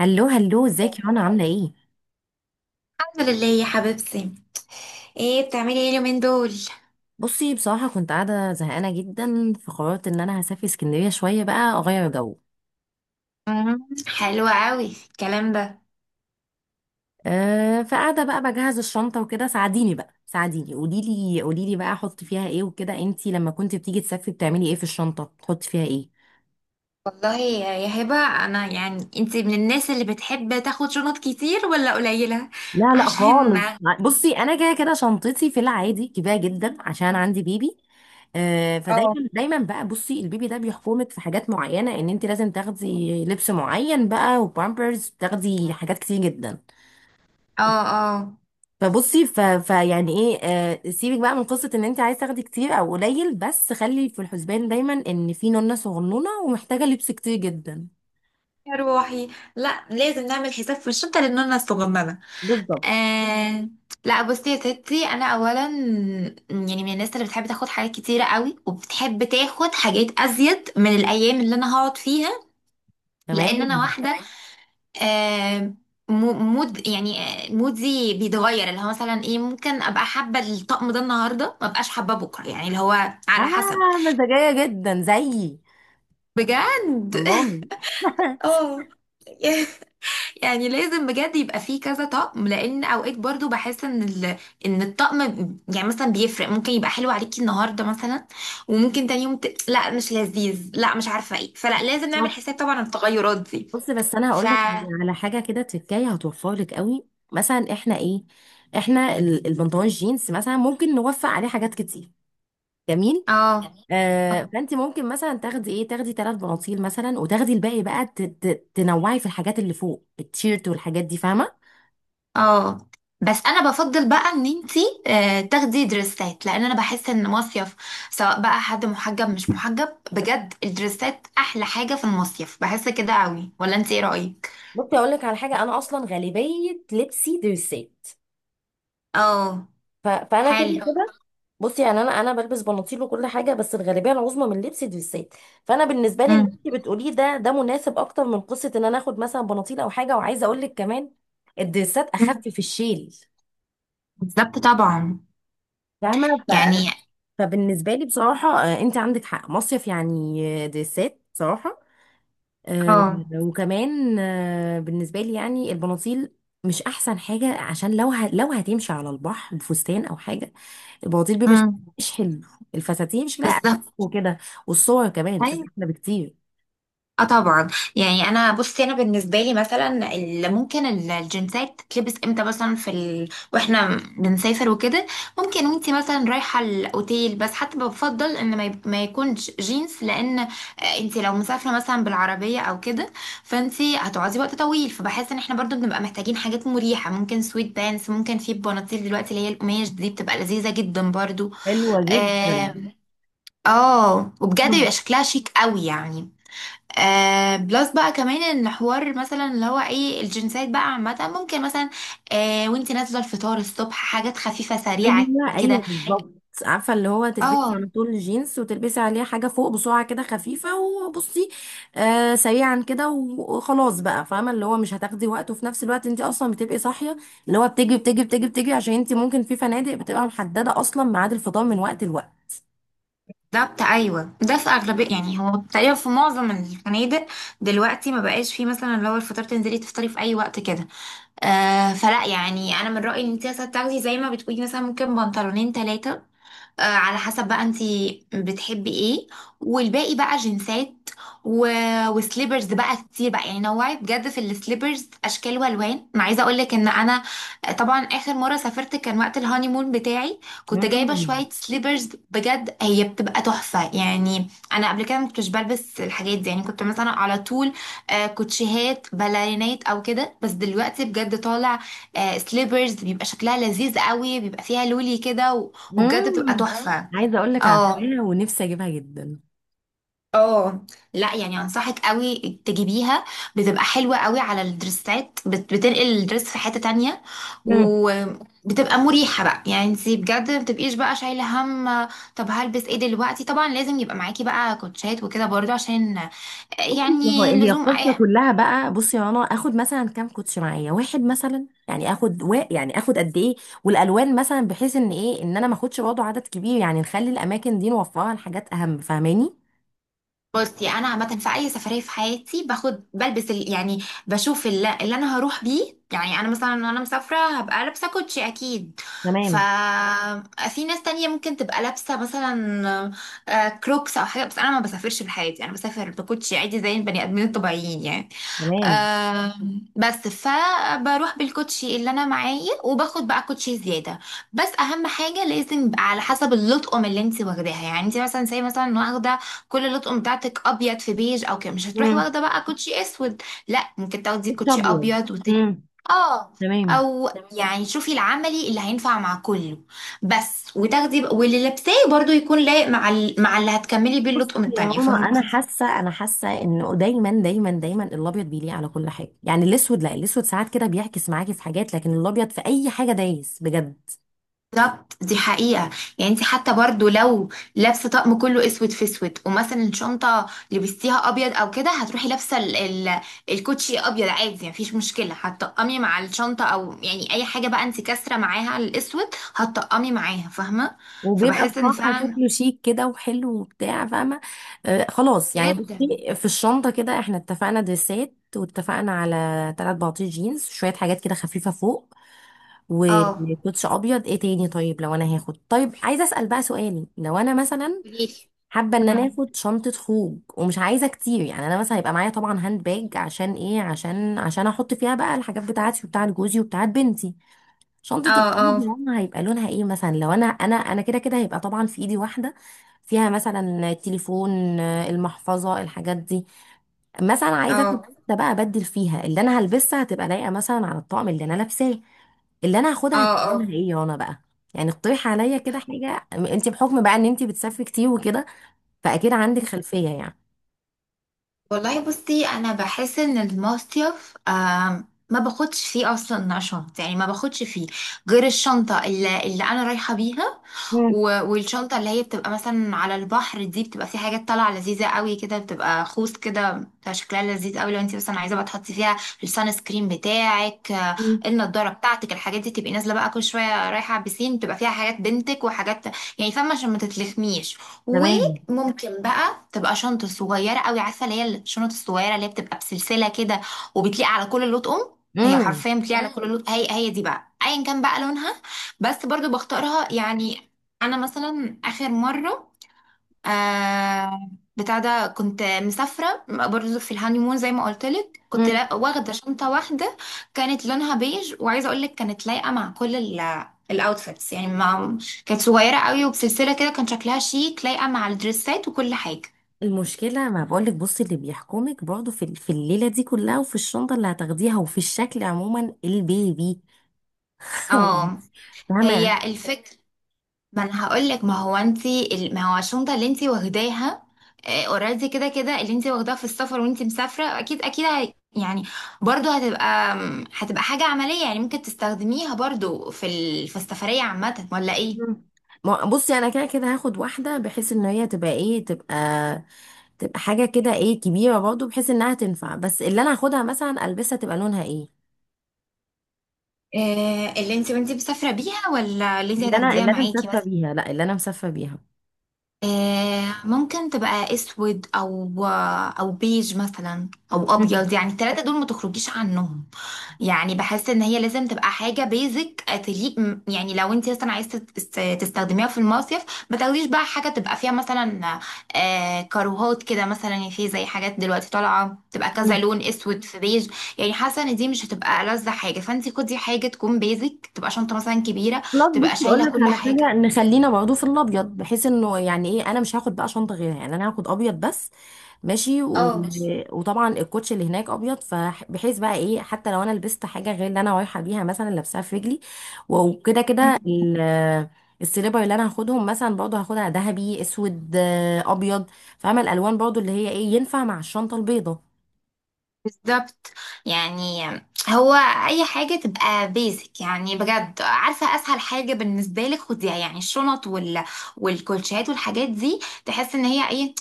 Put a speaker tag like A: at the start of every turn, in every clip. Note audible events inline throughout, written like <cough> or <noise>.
A: هلو هلو، ازيك يا رنا؟ عامله ايه؟
B: الحمد لله يا حبيبتي. بتعملي ايه اليومين دول؟
A: بصي، بصراحه كنت قاعده زهقانه جدا، فقررت ان انا هسافر اسكندريه شويه بقى، اغير جو.
B: حلوة قوي الكلام ده.
A: أه، فقاعده بقى بجهز الشنطه وكده. ساعديني بقى ساعديني، قولي لي قولي لي بقى احط فيها ايه وكده. انتي لما كنت بتيجي تسافري بتعملي ايه في الشنطه؟ تحطي فيها ايه؟
B: والله يا هبة، انا، يعني، انتي من الناس اللي بتحب تاخد شنط كتير ولا قليلة؟
A: لا لا
B: عشان
A: خالص.
B: <laughs>
A: بصي، انا كده كده شنطتي في العادي كبيره جدا عشان عندي بيبي. آه،
B: اه،
A: فدايما دايما بقى، بصي، البيبي ده بيحكمك في حاجات معينه، ان انت لازم تاخدي لبس معين بقى، وبامبرز، تاخدي حاجات كتير جدا.
B: اه، اه.
A: فبصي ف... فيعني ايه آه سيبك بقى من قصه ان انت عايز تاخدي كتير او قليل، بس خلي في الحسبان دايما ان في نونه صغنونه ومحتاجه لبس كتير جدا.
B: يا روحي، لا، لازم نعمل حساب في الشنطة لأننا الصغننة.
A: بالظبط.
B: آه. لا بصي يا ستي، انا اولا يعني من الناس اللي بتحب تاخد حاجات كتيرة قوي وبتحب تاخد حاجات ازيد من الايام اللي انا هقعد فيها، لان انا
A: تمام.
B: واحدة. آه، مود، يعني، مودي بيتغير اللي هو مثلا ايه. ممكن ابقى حابه الطقم ده النهارده ما ابقاش حابه بكره، يعني اللي هو على حسب.
A: اه، مزاجيه جدا زيي.
B: بجد
A: والله.
B: <laughs> اه. يعني لازم بجد يبقى فيه كذا طقم، لان اوقات برضو بحس ان ال... ان الطقم ب- يعني مثلا بيفرق. ممكن يبقى حلو عليكي النهارده مثلا، وممكن تاني يوم ت... لا مش لذيذ، لا مش عارفه ايه، فلا، لازم نعمل
A: <laughs>
B: حساب طبعا التغيرات دي.
A: بص، بس انا
B: ف
A: هقول لك على حاجه كده تكايه هتوفر لك قوي. مثلا احنا ايه، البنطلون جينز مثلا ممكن نوفق عليه حاجات كتير. جميل.
B: اه، اه،
A: فانت ممكن مثلا تاخدي ثلاث بناطيل مثلا، وتاخدي الباقي بقى تنوعي في الحاجات اللي فوق، التيشيرت والحاجات دي، فاهمه.
B: اه. بس انا بفضل بقى ان انتي تاخدي دريسات، لان انا بحس ان مصيف سواء بقى حد محجب مش محجب، بجد الدريسات احلى حاجة في المصيف، بحس كده قوي، ولا انتي ايه رأيك؟
A: ممكن اقول لك على حاجه؟ انا اصلا غالبيه لبسي دريسات،
B: اه،
A: فانا كده
B: حلو.
A: كده. بصي، يعني انا بلبس بناطيل وكل حاجه، بس الغالبيه العظمى من لبسي دريسات. فانا بالنسبه لي اللي
B: مم.
A: انت بتقوليه ده مناسب اكتر من قصه ان انا اخد مثلا بناطيل او حاجه. وعايزه اقول لك كمان، الدريسات
B: مم.
A: اخف في الشيل،
B: بالظبط طبعا.
A: فاهمه.
B: يعني،
A: فبالنسبه لي بصراحه، انت عندك حق، مصيف يعني، دريسات بصراحه. آه،
B: اه.
A: وكمان بالنسبه لي يعني، البناطيل مش احسن حاجه، عشان لو هتمشي على البحر بفستان او حاجه، البواطيل بيبقى شكلها
B: مم.
A: مش حلو. الفساتين شكلها أقل
B: بالظبط.
A: وكده، والصور كمان بتبقى احلى بكتير.
B: اه طبعا. يعني انا، بصي انا بالنسبه لي مثلا ممكن الجنسات تلبس امتى؟ مثلا واحنا بنسافر وكده، ممكن وانتي مثلا رايحه الاوتيل، بس حتى بفضل ان ما يكونش جينز، لان انتي لو مسافره مثلا بالعربيه او كده، فانتي هتقعدي وقت طويل، فبحس ان احنا برضو بنبقى محتاجين حاجات مريحه. ممكن سويت بانس، ممكن في بناطيل دلوقتي اللي هي القماش دي بتبقى لذيذه جدا برضو.
A: حلوة
B: اه.
A: جدا.
B: وبجد
A: مم.
B: بيبقى شكلها شيك قوي يعني. بلس بقى كمان ان حوار، مثلا اللي هو ايه، الجنسات بقى عامة ممكن مثلا وانت نازلة الفطار الصبح، حاجات خفيفة سريعة
A: ايوه ايوه،
B: كده.
A: بالظبط. عارفه اللي هو تلبسي
B: اه
A: على طول جينز، وتلبسي عليه حاجه فوق بسرعه كده خفيفه، وبصي، سريعا كده وخلاص بقى. فاهمه اللي هو مش هتاخدي وقت، وفي نفس الوقت انت اصلا بتبقي صاحيه، اللي هو بتجري بتجري بتجري بتجري عشان انت ممكن في فنادق بتبقى محدده اصلا ميعاد الفطار من وقت لوقت.
B: بالظبط، ايوه، ده في اغلبيه، يعني هو تقريبا في معظم الفنادق دلوقتي، ما بقاش فيه مثلا اللي هو الفطار تنزلي تفطري في اي وقت كده. فلا، يعني انا من رايي ان انت مثلا تاخدي زي ما بتقولي، مثلا ممكن بنطلونين ثلاثه، على حسب بقى انتي بتحبي ايه، والباقي بقى جنسات و... وسليبرز بقى كتير بقى، يعني نوعي بجد في السليبرز اشكال والوان. ما عايزه اقول لك ان انا طبعا اخر مره سافرت كان وقت الهانيمون بتاعي، كنت جايبه
A: امم
B: شويه سليبرز، بجد هي بتبقى تحفه. يعني انا قبل كده ما كنتش بلبس الحاجات دي، يعني كنت مثلا على طول كوتشيهات باليرينات او كده، بس دلوقتي بجد طالع سليبرز بيبقى شكلها لذيذ قوي، بيبقى فيها لولي كده، وبجد بتبقى
A: امم،
B: فاهمة تحفة.
A: عايزه اقول لك،
B: اه،
A: عارفاها ونفسي اجيبها جدا.
B: اه، لا يعني انصحك قوي تجيبيها. بتبقى حلوة قوي على الدرسات، بتنقل الدرس في حتة تانية،
A: مم.
B: وبتبقى مريحة بقى، يعني انتي بجد ما بتبقيش بقى شايلة هم. طب هلبس ايه دلوقتي؟ طبعا لازم يبقى معاكي بقى كوتشات وكده برضو عشان
A: بصي، ما هو
B: يعني
A: هي
B: لزوم اي.
A: القصه كلها بقى، بصي يا رنا، اخد مثلا كام كوتش معايا؟ واحد مثلا؟ يعني اخد قد ايه؟ والالوان مثلا؟ بحيث ان ايه، ان انا ما اخدش برضه عدد كبير، يعني نخلي الاماكن دي نوفرها لحاجات اهم، فاهماني.
B: بصي انا عامه في اي سفريه في حياتي باخد بلبس يعني بشوف اللي انا هروح بيه، يعني انا مثلا وانا مسافره هبقى لابسه كوتشي اكيد. ف
A: تمام.
B: في ناس تانية ممكن تبقى لابسه مثلا كروكس او حاجه، بس انا ما بسافرش بحياتي، انا بسافر بكوتشي عادي زي البني ادمين الطبيعيين يعني.
A: تمام.
B: آم، بس فبروح بالكوتشي اللي انا معايا وباخد بقى كوتشي زياده، بس اهم حاجه لازم يبقى على حسب اللطقم اللي انت واخداها. يعني انت مثلا، زي مثلا واخده كل اللطقم بتاعتك ابيض في بيج او كده، مش هتروحي
A: مم.
B: واخده بقى كوتشي اسود. لا، ممكن تاخدي
A: كوتش
B: كوتشي
A: ابيض.
B: ابيض وتاني.
A: مم.
B: اه،
A: تمام.
B: او تمام. يعني شوفي العملي اللي هينفع مع كله، بس وتاخدي واللي لابساه برضو يكون لايق مع مع اللي هتكملي بيه
A: بصي
B: اللطقم
A: يا
B: التانية،
A: ماما،
B: فاهمة؟
A: انا حاسه انه دايما دايما دايما الابيض بيليق على كل حاجه. يعني الاسود لا، الاسود ساعات كده بيعكس معاكي في حاجات، لكن الابيض في اي حاجه دايس بجد.
B: بالظبط، دي حقيقة. يعني انت حتى برضو لو لابسة طقم كله اسود في اسود، ومثلا الشنطة لبستيها ابيض او كده، هتروحي لابسة ال الكوتشي ابيض عادي، يعني مفيش مشكلة، هتطقمي مع الشنطة، او يعني اي حاجة بقى انت كاسرة معاها الاسود هتطقمي معاها، فاهمة؟
A: وبيبقى
B: فبحس ان
A: بصراحة
B: فعلا،
A: شكله شيك كده وحلو وبتاع، فاهمة. خلاص، يعني
B: جدا.
A: بصي، في الشنطة كده احنا اتفقنا دريسات، واتفقنا على تلات بناطيل جينز، شوية حاجات كده خفيفة فوق،
B: اه.
A: وكوتش أبيض. ايه تاني؟ طيب، لو أنا هاخد، طيب، عايزة أسأل بقى سؤال. لو أنا مثلا
B: قوليلي.
A: حابة إن أنا
B: مم.
A: آخد شنطة خروج، ومش عايزة كتير، يعني أنا مثلا هيبقى معايا طبعا هاند باج، عشان ايه، عشان أحط فيها بقى الحاجات بتاعتي وبتاعت جوزي وبتاعت بنتي، شنطة
B: اه، اه،
A: الجروب. يعني هيبقى لونها ايه مثلا؟ لو انا كده كده هيبقى طبعا في ايدي واحدة، فيها مثلا التليفون، المحفظة، الحاجات دي. مثلا عايزة اخد
B: اه،
A: ده بقى، ابدل فيها، اللي انا هلبسها هتبقى لايقة مثلا على الطقم اللي انا لابساه. اللي انا هاخدها
B: اه،
A: هتبقى لونها
B: اه.
A: ايه يا انا بقى؟ يعني اقترحي عليا كده حاجة. انت بحكم بقى ان انت بتسافري كتير وكده، فاكيد عندك خلفية يعني.
B: والله بصي انا بحس ان المصيف ما باخدش فيه اصلا شنطه، يعني ما باخدش فيه غير الشنطه اللي انا رايحه بيها،
A: مم.
B: والشنطه اللي هي بتبقى مثلا على البحر دي بتبقى في حاجات طالعه لذيذه قوي كده، بتبقى خوذ كده، بتبقى شكلها لذيذ قوي. لو انت مثلا عايزه بقى تحطي فيها السان سكرين بتاعك،
A: مم.
B: النضاره بتاعتك، الحاجات دي، تبقي نازله بقى كل شويه رايحه على البسين، تبقى فيها حاجات بنتك وحاجات، يعني فاهمه، عشان ما تتلخميش.
A: تمام.
B: وممكن بقى تبقى شنطه صغيره قوي، عارفه اللي هي الشنط الصغيره اللي هي بتبقى بسلسله كده وبتليق على كل لون. هي
A: امم
B: حرفيا بتليق على كل لون. هي دي بقى ايا كان بقى لونها، بس برضو بختارها يعني. انا مثلا اخر مره آه بتاع ده، كنت مسافرة برضو في الهانيمون زي ما قلت لك، كنت واخدة شنطة واحدة كانت لونها بيج، وعايزة اقول لك كانت لايقة مع كل الاوتفيتس، يعني ما. كانت صغيرة قوي وبسلسلة كده، كان شكلها شيك، لايقة مع الدريسات وكل حاجة.
A: المشكلة، ما بقولك بصي، اللي بيحكمك برضه في الليلة دي كلها، وفي الشنطة اللي هتاخديها، وفي الشكل عموما، البيبي.
B: اه.
A: <laughs> فاهمة
B: هي
A: يعني؟
B: الفكرة. ما انا هقولك، ما هو الشنطه اللي انتي واخداها اوريدي، كده كده اللي انتي واخداها في السفر وانتي مسافره اكيد اكيد هي، يعني برضو هتبقى هتبقى حاجه عمليه، يعني ممكن تستخدميها برضو في السفريه عامه ولا ايه؟
A: مم. بصي، أنا كده كده هاخد واحدة بحيث إن هي تبقى إيه، تبقى حاجة كده إيه، كبيرة برضه بحيث إنها تنفع. بس اللي أنا هاخدها مثلا ألبسها تبقى لونها إيه؟
B: اللي انتي وانتي مسافره بيها ولا اللي انتي هتاخديها
A: اللي أنا
B: معاكي
A: مسافة
B: مثلا؟
A: بيها، لا، اللي أنا مسافة بيها.
B: ممكن تبقى اسود، او او بيج مثلا او
A: مم.
B: ابيض، يعني الثلاثه دول ما تخرجيش عنهم. يعني بحس ان هي لازم تبقى حاجه بيزك تليق. يعني لو انت مثلا عايزه تستخدميها في المصيف، ما تاخديش بقى حاجه تبقى فيها مثلا كاروهات كده مثلا، يعني في زي حاجات دلوقتي طالعه تبقى كذا
A: مم.
B: لون، اسود في بيج. يعني حاسه ان دي مش هتبقى ألذ حاجه، فانت خدي حاجه تكون بيزك، تبقى شنطه مثلا كبيره
A: خلاص،
B: تبقى
A: بصي اقول
B: شايله
A: لك
B: كل
A: على
B: حاجه.
A: حاجه، نخلينا برضه في الابيض، بحيث انه يعني ايه، انا مش هاخد بقى شنطه غيرها، يعني انا هاخد ابيض بس. ماشي
B: اه
A: وطبعا الكوتش اللي هناك ابيض، فبحيث بقى ايه، حتى لو انا لبست حاجه غير اللي انا رايحه بيها مثلا لابساها في رجلي، وكده كده السليبر اللي انا هاخدهم مثلا برضه، هاخدها ذهبي، اسود، ابيض. فاهمه الالوان برضه اللي هي ايه، ينفع مع الشنطه البيضه.
B: بالظبط. يعني، هو، اي حاجه تبقى بيزك، يعني بجد، عارفه اسهل حاجه بالنسبه لك خديها، يعني الشنط والكوتشيات والحاجات دي، تحس ان هي ايه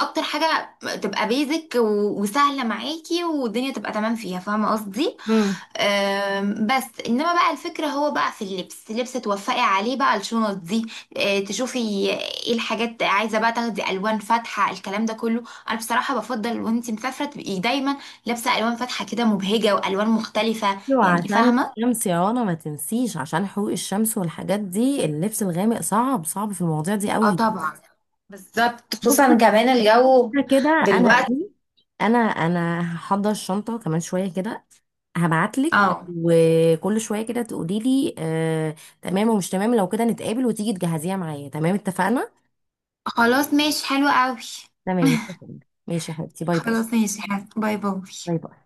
B: اكتر حاجه تبقى بيزك وسهله معاكي، والدنيا تبقى تمام فيها، فاهمه قصدي؟
A: امم
B: بس انما بقى الفكرة هو بقى في اللبس توفقي عليه بقى الشنط دي. تشوفي ايه الحاجات عايزة بقى، تاخدي الوان فاتحة الكلام ده كله. انا بصراحة بفضل وانتي مسافرة تبقي دايما لابسة الوان فاتحة كده مبهجة والوان مختلفة،
A: ايوه،
B: يعني
A: عشان
B: فاهمة؟
A: الشمس يا رنا ما تنسيش، عشان حقوق الشمس والحاجات دي، اللبس الغامق صعب صعب في المواضيع دي
B: اه
A: قوي.
B: طبعا. بالظبط، خصوصا كمان الجو
A: كده كده انا
B: دلوقتي.
A: ايه، انا هحضر الشنطه كمان شويه كده، هبعتلك.
B: اه.
A: وكل شويه كده تقولي لي، تمام ومش تمام. لو كده، نتقابل وتيجي تجهزيها معايا. تمام، اتفقنا؟
B: خلاص ماشي، حلو قوي.
A: تمام، اتفقنا. ماشي يا حبيبتي. باي باي.
B: خلاص ماشي حلو. باي باي.
A: باي باي.